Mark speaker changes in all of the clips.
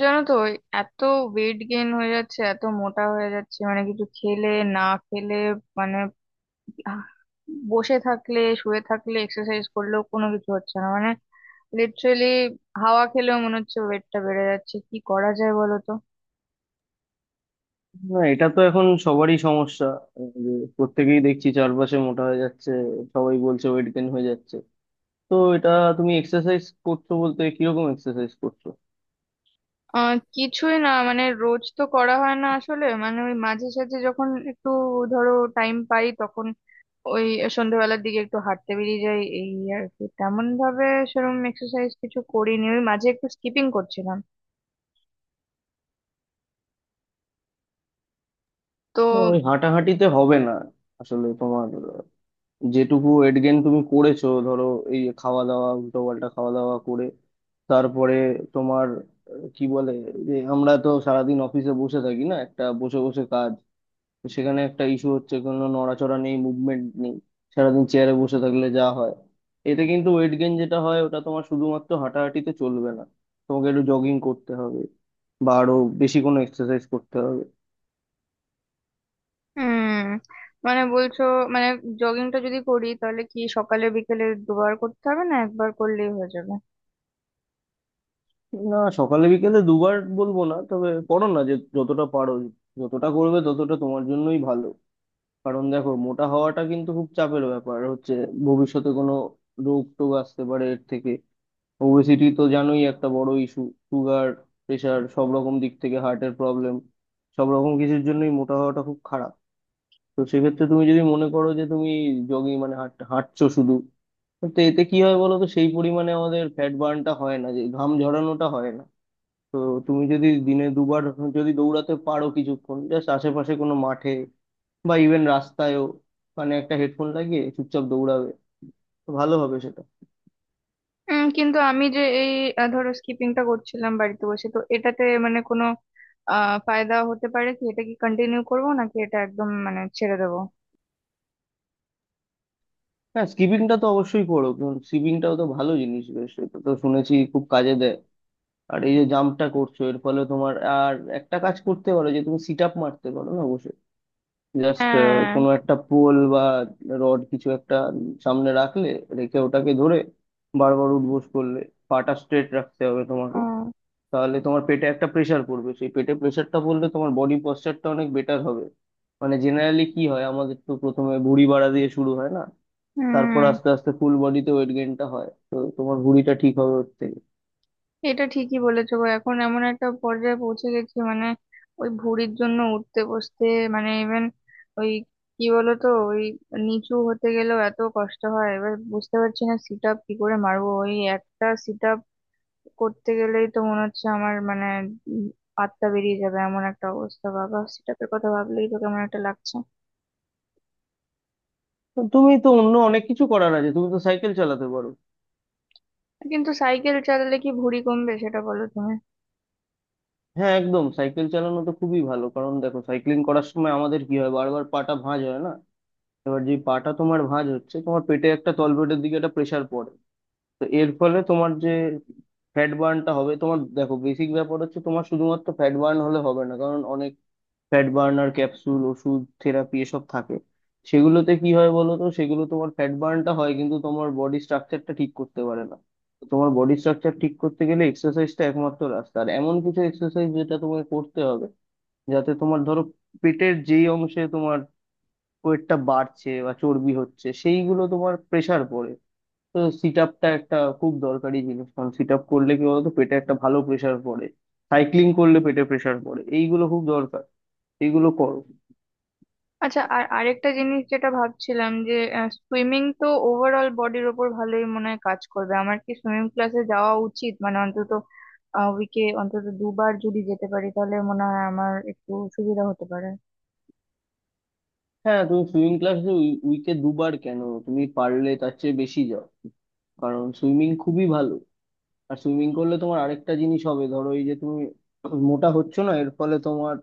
Speaker 1: জানো তো ওই এত ওয়েট গেইন হয়ে যাচ্ছে, এত মোটা হয়ে যাচ্ছে, মানে কিছু খেলে, না খেলে, মানে আহ, বসে থাকলে, শুয়ে থাকলে, এক্সারসাইজ করলেও কোনো কিছু হচ্ছে না, মানে লিটারেলি হাওয়া খেলেও মনে হচ্ছে ওয়েটটা বেড়ে যাচ্ছে। কি করা যায় বলো তো?
Speaker 2: না এটা তো এখন সবারই সমস্যা যে প্রত্যেকেই দেখছি চারপাশে মোটা হয়ে যাচ্ছে। সবাই বলছে ওয়েট গেইন হয়ে যাচ্ছে। তো এটা তুমি এক্সারসাইজ করছো বলতে কিরকম এক্সারসাইজ করছো?
Speaker 1: কিছুই না, মানে রোজ তো করা হয় না আসলে, মানে ওই মাঝে সাঝে যখন একটু ধরো টাইম পাই, তখন ওই সন্ধ্যেবেলার দিকে একটু হাঁটতে বেরিয়ে যাই, এই আর কি। তেমন ভাবে সেরকম এক্সারসাইজ কিছু করিনি, ওই মাঝে একটু স্কিপিং করছিলাম তো।
Speaker 2: না, ওই হাঁটাহাঁটিতে হবে না। আসলে তোমার যেটুকু ওয়েট গেইন তুমি করেছো ধরো এই খাওয়া দাওয়া উল্টো পাল্টা খাওয়া দাওয়া করে তারপরে তোমার, কি বলে, যে আমরা তো সারাদিন অফিসে বসে থাকি, না একটা বসে বসে কাজ। তো সেখানে একটা ইস্যু হচ্ছে কোনো নড়াচড়া নেই, মুভমেন্ট নেই। সারাদিন চেয়ারে বসে থাকলে যা হয়, এতে কিন্তু ওয়েট গেইন যেটা হয় ওটা তোমার শুধুমাত্র হাঁটাহাঁটিতে চলবে না। তোমাকে একটু জগিং করতে হবে বা আরো বেশি কোনো এক্সারসাইজ করতে হবে।
Speaker 1: উম মানে বলছো, মানে জগিংটা যদি করি, তাহলে কি সকালে বিকেলে দুবার করতে হবে, না একবার করলেই হয়ে যাবে?
Speaker 2: না সকালে বিকেলে দুবার বলবো না, তবে করো না যে যতটা পারো। যতটা করবে ততটা তোমার জন্যই ভালো। কারণ দেখো মোটা হওয়াটা কিন্তু খুব চাপের ব্যাপার হচ্ছে। ভবিষ্যতে কোনো রোগ টোগ আসতে পারে এর থেকে। ওবেসিটি তো জানোই একটা বড় ইস্যু। সুগার, প্রেশার, সব রকম দিক থেকে হার্টের প্রবলেম, সব রকম কিছুর জন্যই মোটা হওয়াটা খুব খারাপ। তো সেক্ষেত্রে তুমি যদি মনে করো যে তুমি জগিং মানে হাঁটছো শুধু, তো এতে কি হয় বলো তো, সেই পরিমাণে আমাদের ফ্যাট বার্নটা হয় না, যে ঘাম ঝরানোটা হয় না। তো তুমি যদি দিনে দুবার, যদি দৌড়াতে পারো কিছুক্ষণ জাস্ট আশেপাশে কোনো মাঠে বা ইভেন রাস্তায়ও, মানে একটা হেডফোন লাগিয়ে চুপচাপ দৌড়াবে, তো ভালো হবে সেটা।
Speaker 1: কিন্তু আমি যে এই ধরো স্কিপিংটা করছিলাম বাড়িতে বসে, তো এটাতে মানে কোনো ফায়দা হতে পারে কি? এটা কি কন্টিনিউ করবো, নাকি এটা একদম মানে ছেড়ে দেবো?
Speaker 2: হ্যাঁ স্কিপিংটা তো অবশ্যই করো, কারণ স্কিপিংটাও তো ভালো জিনিস বেশ, এটা তো শুনেছি খুব কাজে দেয়। আর এই যে জাম্পটা করছো এর ফলে তোমার আর একটা কাজ করতে পারো, যে তুমি সিট আপ মারতে পারো না বসে, জাস্ট
Speaker 1: হ্যাঁ।
Speaker 2: কোনো একটা পোল বা রড কিছু একটা সামনে রাখলে, রেখে ওটাকে ধরে বারবার উঠবোস করলে, পাটা স্ট্রেট রাখতে হবে তোমাকে।
Speaker 1: ও।
Speaker 2: তাহলে তোমার পেটে একটা প্রেশার পড়বে, সেই পেটে প্রেশারটা পড়লে তোমার বডি পশ্চারটা অনেক বেটার হবে। মানে জেনারেলি কি হয়, আমাদের তো প্রথমে ভুঁড়ি বাড়া দিয়ে শুরু হয় না। তারপর
Speaker 1: হুম।
Speaker 2: আস্তে আস্তে ফুল বডিতে ওয়েট গেইনটা হয়, তো তোমার ভুঁড়িটা ঠিক হবে ওর থেকে।
Speaker 1: এটা ঠিকই বলেছো গো, এখন এমন একটা পর্যায়ে পৌঁছে গেছি মানে ওই ভুঁড়ির জন্য উঠতে বসতে মানে ইভেন ওই কি বলো তো, ওই নিচু হতে গেলেও এত কষ্ট হয়। এবার বুঝতে পারছি না সিট আপ কি করে মারবো। ওই একটা সিট করতে গেলেই তো মনে হচ্ছে আমার মানে উম আত্মা বেরিয়ে যাবে এমন একটা অবস্থা। বাবা, সেটাপের কথা ভাবলেই তো কেমন একটা লাগছে।
Speaker 2: তো তুমি তো অন্য অনেক কিছু করার আছে, তুমি তো সাইকেল চালাতে পারো।
Speaker 1: কিন্তু সাইকেল চালালে কি ভুঁড়ি কমবে সেটা বলো তুমি।
Speaker 2: হ্যাঁ একদম সাইকেল চালানো তো খুবই ভালো, কারণ দেখো সাইক্লিং করার সময় আমাদের কি হয়, বারবার পাটা ভাঁজ হয় না। এবার যে পাটা তোমার ভাঁজ হচ্ছে তোমার পেটে একটা, তলপেটের দিকে একটা প্রেসার পড়ে। তো এর ফলে তোমার যে ফ্যাট বার্নটা হবে, তোমার দেখো বেসিক ব্যাপার হচ্ছে তোমার শুধুমাত্র ফ্যাট বার্ন হলে হবে না, কারণ অনেক ফ্যাট বার্নার ক্যাপসুল ওষুধ থেরাপি এসব থাকে। সেগুলোতে কি হয় বলো তো, সেগুলো তোমার ফ্যাট বার্নটা হয় কিন্তু তোমার বডি স্ট্রাকচারটা ঠিক করতে পারে না। তো তোমার বডি স্ট্রাকচার ঠিক করতে গেলে এক্সারসাইজটা একমাত্র রাস্তা, আর এমন কিছু এক্সারসাইজ যেটা তোমাকে করতে হবে যাতে তোমার ধরো পেটের যেই অংশে তোমার ওয়েটটা বাড়ছে বা চর্বি হচ্ছে সেইগুলো তোমার প্রেসার পড়ে। তো সিট আপটা একটা খুব দরকারি জিনিস, কারণ সিট আপ করলে কি বলতো পেটে একটা ভালো প্রেসার পড়ে। সাইক্লিং করলে পেটে প্রেসার পড়ে, এইগুলো খুব দরকার, এইগুলো করো।
Speaker 1: আচ্ছা, আর আরেকটা জিনিস যেটা ভাবছিলাম, যে সুইমিং তো ওভারঅল বডির ওপর ভালোই মনে হয় কাজ করবে। আমার কি সুইমিং ক্লাসে যাওয়া উচিত? মানে অন্তত উইকে অন্তত দুবার যদি যেতে পারি, তাহলে মনে হয় আমার একটু সুবিধা হতে পারে।
Speaker 2: হ্যাঁ তুমি সুইমিং ক্লাসে উইকে দুবার কেন, তুমি পারলে তার চেয়ে বেশি যাও। কারণ সুইমিং খুবই ভালো। আর সুইমিং করলে তোমার আরেকটা জিনিস হবে, ধরো এই যে তুমি মোটা হচ্ছ না এর ফলে তোমার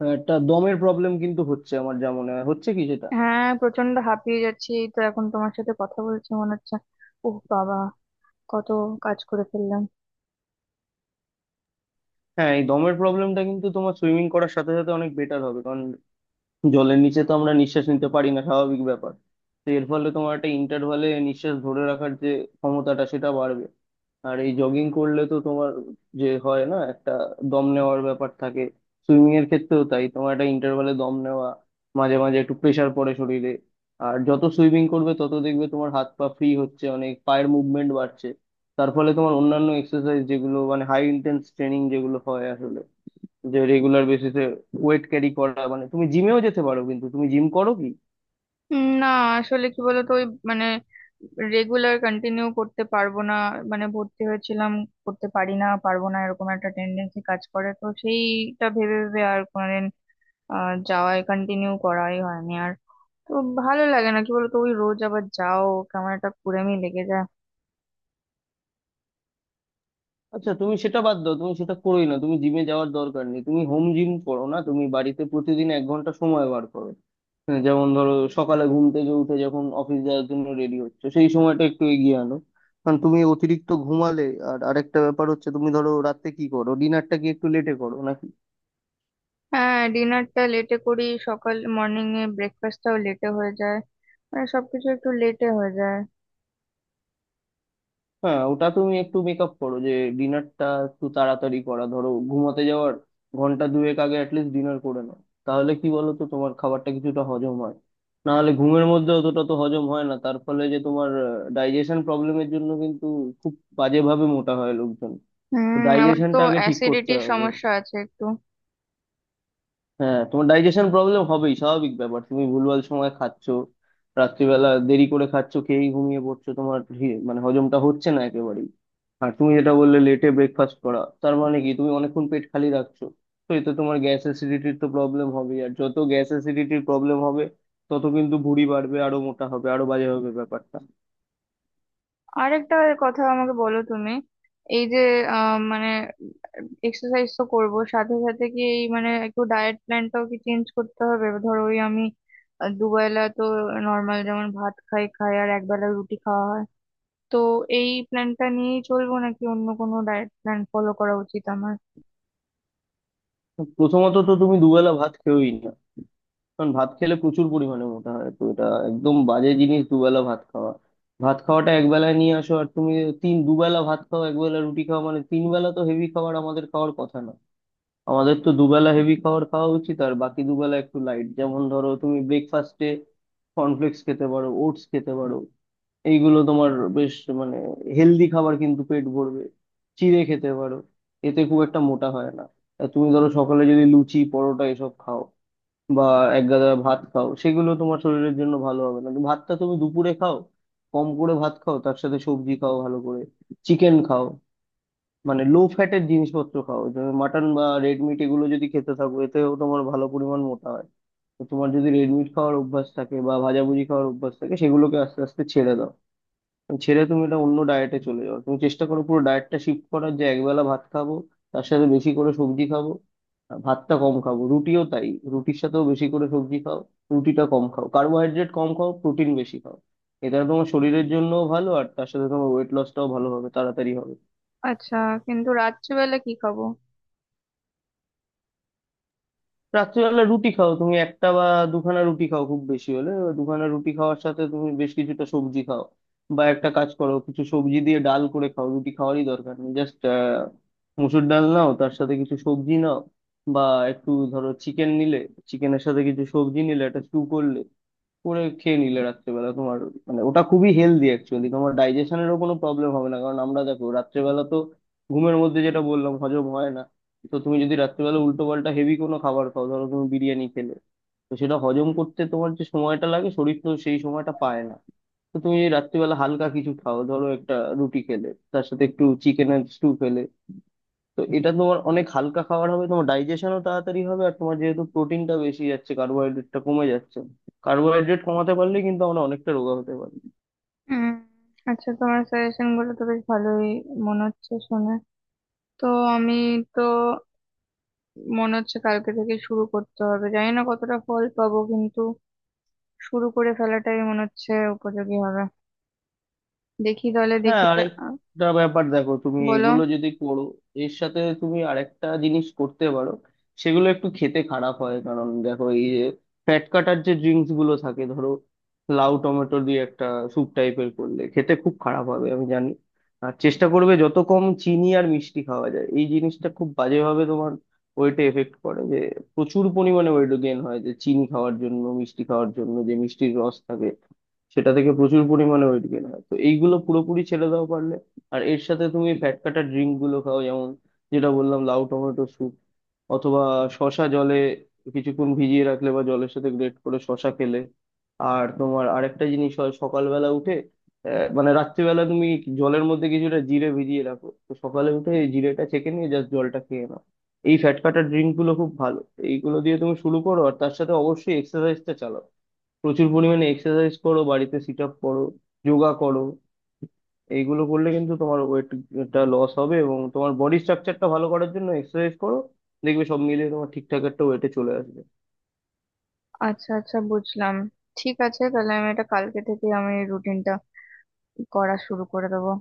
Speaker 2: একটা দমের প্রবলেম কিন্তু হচ্ছে, আমার যা মনে হয় হচ্ছে কি সেটা।
Speaker 1: হ্যাঁ, প্রচন্ড হাঁপিয়ে যাচ্ছি। এই তো এখন তোমার সাথে কথা বলছি মনে হচ্ছে, ওহ বাবা, কত কাজ করে ফেললাম।
Speaker 2: হ্যাঁ এই দমের প্রবলেমটা কিন্তু তোমার সুইমিং করার সাথে সাথে অনেক বেটার হবে, কারণ জলের নিচে তো আমরা নিঃশ্বাস নিতে পারি না, স্বাভাবিক ব্যাপার। তো এর ফলে তোমার একটা ইন্টারভালে নিঃশ্বাস ধরে রাখার যে ক্ষমতাটা সেটা বাড়বে। আর এই জগিং করলে তো তোমার, যে হয় না একটা দম নেওয়ার ব্যাপার থাকে। সুইমিং এর ক্ষেত্রেও তাই, তোমার একটা ইন্টারভালে দম নেওয়া, মাঝে মাঝে একটু প্রেসার পড়ে শরীরে। আর যত সুইমিং করবে তত দেখবে তোমার হাত পা ফ্রি হচ্ছে অনেক, পায়ের মুভমেন্ট বাড়ছে। তার ফলে তোমার অন্যান্য এক্সারসাইজ যেগুলো মানে হাই ইন্টেন্স ট্রেনিং যেগুলো হয় আসলে, যে রেগুলার বেসিসে ওয়েট ক্যারি করা, মানে তুমি জিমেও যেতে পারো, কিন্তু তুমি জিম করো কি?
Speaker 1: না, আসলে কি বলতো ওই মানে রেগুলার কন্টিনিউ করতে পারবো না। মানে ভর্তি হয়েছিলাম, করতে পারি না, পারবো না, এরকম একটা টেন্ডেন্সি কাজ করে, তো সেইটা ভেবে ভেবে আর কোনোদিন যাওয়াই, কন্টিনিউ করাই হয়নি আর। তো ভালো লাগে না, কি বলতো, ওই রোজ আবার যাও, কেমন একটা কুড়েমি লেগে যায়।
Speaker 2: আচ্ছা তুমি সেটা বাদ দাও, তুমি সেটা করোই না, তুমি জিমে যাওয়ার দরকার নেই, তুমি হোম জিম করো না, তুমি বাড়িতে প্রতিদিন 1 ঘন্টা সময় বার করো। হ্যাঁ, যেমন ধরো সকালে ঘুম থেকে উঠে যখন অফিস যাওয়ার জন্য রেডি হচ্ছে সেই সময়টা একটু এগিয়ে আনো, কারণ তুমি অতিরিক্ত ঘুমালে। আর আরেকটা ব্যাপার হচ্ছে তুমি ধরো রাতে কি করো, ডিনারটা কি একটু লেটে করো নাকি?
Speaker 1: হ্যাঁ, ডিনারটা লেটে করি, সকাল মর্নিং এ ব্রেকফাস্টটাও লেটে হয়ে যায়, মানে সবকিছু একটু লেটে হয়ে যায়।
Speaker 2: হ্যাঁ ওটা তুমি একটু মেকআপ করো, যে ডিনারটা একটু তাড়াতাড়ি করা, ধরো ঘুমাতে যাওয়ার ঘন্টা দুয়েক আগে অ্যাটলিস্ট ডিনার করে নাও। তাহলে কি বলো তো তোমার খাবারটা কিছুটা হজম হয়, না হলে ঘুমের মধ্যে অতটা তো হজম হয় না, তার ফলে যে তোমার ডাইজেশন প্রবলেমের জন্য কিন্তু খুব বাজেভাবে মোটা হয় লোকজন। তো
Speaker 1: হুম, আমার তো
Speaker 2: ডাইজেশনটা আগে ঠিক করতে
Speaker 1: অ্যাসিডিটির
Speaker 2: হবে।
Speaker 1: সমস্যা আছে একটু।
Speaker 2: হ্যাঁ তোমার ডাইজেশন প্রবলেম হবেই, স্বাভাবিক ব্যাপার, তুমি ভুলভাল সময় খাচ্ছ, রাত্রিবেলা দেরি করে খাচ্ছ, খেয়েই ঘুমিয়ে পড়ছো, তোমার মানে হজমটা হচ্ছে না একেবারেই। আর তুমি যেটা বললে লেটে ব্রেকফাস্ট করা, তার মানে কি তুমি অনেকক্ষণ পেট খালি রাখছো? তো এতে তোমার গ্যাস অ্যাসিডিটির তো প্রবলেম হবে, আর যত গ্যাস অ্যাসিডিটির প্রবলেম হবে তত কিন্তু ভুঁড়ি বাড়বে, আরো মোটা হবে, আরো বাজে হবে ব্যাপারটা।
Speaker 1: আরেকটা কথা আমাকে বলো তুমি। এই যে মানে এক্সারসাইজ তো করব, সাথে সাথে কি এই মানে একটু ডায়েট প্ল্যানটাও কি চেঞ্জ করতে হবে? ধরো ওই আমি দুবেলা তো নর্মাল যেমন ভাত খাই খাই, আর একবেলা রুটি খাওয়া হয়। তো এই প্ল্যানটা নিয়েই চলবো, নাকি অন্য কোনো ডায়েট প্ল্যান ফলো করা উচিত আমার?
Speaker 2: প্রথমত তো তুমি দুবেলা ভাত খেয়েই না, কারণ ভাত খেলে প্রচুর পরিমাণে মোটা হয়, তো এটা একদম বাজে জিনিস দুবেলা ভাত খাওয়া। ভাত খাওয়াটা একবেলায় নিয়ে আসো, আর তুমি দুবেলা ভাত খাও একবেলা রুটি খাও, মানে তিন বেলা তো হেভি খাবার আমাদের খাওয়ার কথা না। আমাদের তো দুবেলা হেভি খাবার খাওয়া উচিত, আর বাকি দুবেলা একটু লাইট, যেমন ধরো তুমি ব্রেকফাস্টে কর্নফ্লেক্স খেতে পারো, ওটস খেতে পারো। এইগুলো তোমার বেশ, মানে হেলদি খাবার, কিন্তু পেট ভরবে। চিড়ে খেতে পারো, এতে খুব একটা মোটা হয় না। আর তুমি ধরো সকালে যদি লুচি পরোটা এসব খাও বা এক গাদা ভাত খাও সেগুলো তোমার শরীরের জন্য ভালো হবে না, কিন্তু ভাতটা তুমি দুপুরে খাও। কম করে ভাত খাও তার সাথে সবজি খাও ভালো করে, চিকেন খাও। মানে লো ফ্যাটের জিনিসপত্র খাও, যেমন মাটন বা রেড মিট এগুলো যদি খেতে থাকো এতেও তোমার ভালো পরিমাণ মোটা হয়। তো তোমার যদি রেড মিট খাওয়ার অভ্যাস থাকে বা ভাজাভুজি খাওয়ার অভ্যাস থাকে সেগুলোকে আস্তে আস্তে ছেড়ে দাও। ছেড়ে তুমি এটা অন্য ডায়েটে চলে যাও, তুমি চেষ্টা করো পুরো ডায়েটটা শিফট করার, যে একবেলা ভাত খাবো তার সাথে বেশি করে সবজি খাবো। আর ভাতটা কম খাবো, রুটিও তাই, রুটির সাথেও বেশি করে সবজি খাও। রুটিটা কম খাও, কার্বোহাইড্রেট কম খাও, প্রোটিন বেশি খাও। এটা তোমার শরীরের জন্যও ভালো, আর তার সাথে তোমার ওয়েট লসটাও ভালো হবে, তাড়াতাড়ি হবে।
Speaker 1: আচ্ছা, কিন্তু রাত্রিবেলা কি খাবো?
Speaker 2: রাত্রিবেলা রুটি খাও, তুমি একটা বা দুখানা রুটি খাও খুব বেশি হলে। এবার দুখানা রুটি খাওয়ার সাথে তুমি বেশ কিছুটা সবজি খাও, বা একটা কাজ করো কিছু সবজি দিয়ে ডাল করে খাও, রুটি খাওয়ারই দরকার নেই, জাস্ট মুসুর ডাল নাও তার সাথে কিছু সবজি নাও। বা একটু ধরো চিকেন নিলে, চিকেনের সাথে কিছু সবজি নিলে একটা স্টু করলে, করে খেয়ে নিলে রাত্রেবেলা তোমার, মানে ওটা খুবই হেলদি অ্যাকচুয়ালি। তোমার ডাইজেশনেরও কোনো প্রবলেম হবে না, কারণ আমরা দেখো রাত্রেবেলা তো ঘুমের মধ্যে যেটা বললাম হজম হয় না। তো তুমি যদি রাত্রেবেলা উল্টো পাল্টা হেভি কোনো খাবার খাও, ধরো তুমি বিরিয়ানি খেলে, তো সেটা হজম করতে তোমার যে সময়টা লাগে শরীর তো সেই সময়টা পায় না। তো তুমি যদি রাত্রিবেলা হালকা কিছু খাও, ধরো একটা রুটি খেলে, তার সাথে একটু চিকেন এর স্টু খেলে, তো এটা তোমার অনেক হালকা খাবার হবে, তোমার ডাইজেশনও তাড়াতাড়ি হবে। আর তোমার যেহেতু প্রোটিনটা বেশি যাচ্ছে কার্বোহাইড্রেটটা কমে যাচ্ছে, কার্বোহাইড্রেট কমাতে পারলে কিন্তু আমরা অনেকটা রোগা হতে পারি।
Speaker 1: উম, আচ্ছা, তোমার সাজেশন গুলো তো বেশ ভালোই মনে হচ্ছে শুনে। তো আমি তো মনে হচ্ছে কালকে থেকে শুরু করতে হবে। জানি না কতটা ফল পাবো, কিন্তু শুরু করে ফেলাটাই মনে হচ্ছে উপযোগী হবে। দেখি তাহলে,
Speaker 2: হ্যাঁ
Speaker 1: দেখি
Speaker 2: আরেকটা ব্যাপার দেখো, তুমি
Speaker 1: বলো।
Speaker 2: এগুলো যদি করো, এর সাথে তুমি আরেকটা জিনিস করতে পারো। সেগুলো একটু খেতে খারাপ হয়, কারণ দেখো এই যে ফ্যাট কাটার যে ড্রিঙ্কস গুলো থাকে ধরো লাউ টমেটো দিয়ে একটা স্যুপ টাইপের করলে খেতে খুব খারাপ হবে আমি জানি। আর চেষ্টা করবে যত কম চিনি আর মিষ্টি খাওয়া যায়, এই জিনিসটা খুব বাজেভাবে তোমার ওয়েটে এফেক্ট করে, যে প্রচুর পরিমাণে ওয়েট গেইন হয়, যে চিনি খাওয়ার জন্য মিষ্টি খাওয়ার জন্য যে মিষ্টির রস থাকে সেটা থেকে প্রচুর পরিমাণে ওয়েট গেইন হয়, তো এইগুলো পুরোপুরি ছেড়ে দাও পারলে। আর এর সাথে তুমি ফ্যাট কাটা ড্রিঙ্ক গুলো খাও, যেমন যেটা বললাম লাউ টমেটো স্যুপ, অথবা শশা জলে কিছুক্ষণ ভিজিয়ে রাখলে বা জলের সাথে গ্রেট করে শশা খেলে। আর তোমার আরেকটা জিনিস হয় সকালবেলা উঠে, মানে রাত্রিবেলা তুমি জলের মধ্যে কিছুটা জিরে ভিজিয়ে রাখো, তো সকালে উঠে এই জিরেটা ছেঁকে নিয়ে জাস্ট জলটা খেয়ে নাও। এই ফ্যাট কাটার ড্রিঙ্ক গুলো খুব ভালো। এইগুলো দিয়ে তুমি শুরু করো, আর তার সাথে অবশ্যই এক্সারসাইজটা চালাও। প্রচুর পরিমাণে এক্সারসাইজ করো, বাড়িতে সিট আপ করো, যোগা করো। এইগুলো করলে কিন্তু তোমার ওয়েটটা লস হবে, এবং তোমার বডি স্ট্রাকচারটা ভালো করার জন্য এক্সারসাইজ করো। দেখবে সব মিলিয়ে তোমার ঠিকঠাক একটা ওয়েটে চলে আসবে।
Speaker 1: আচ্ছা আচ্ছা, বুঝলাম। ঠিক আছে, তাহলে আমি এটা কালকে থেকে আমি রুটিনটা করা শুরু করে দেবো।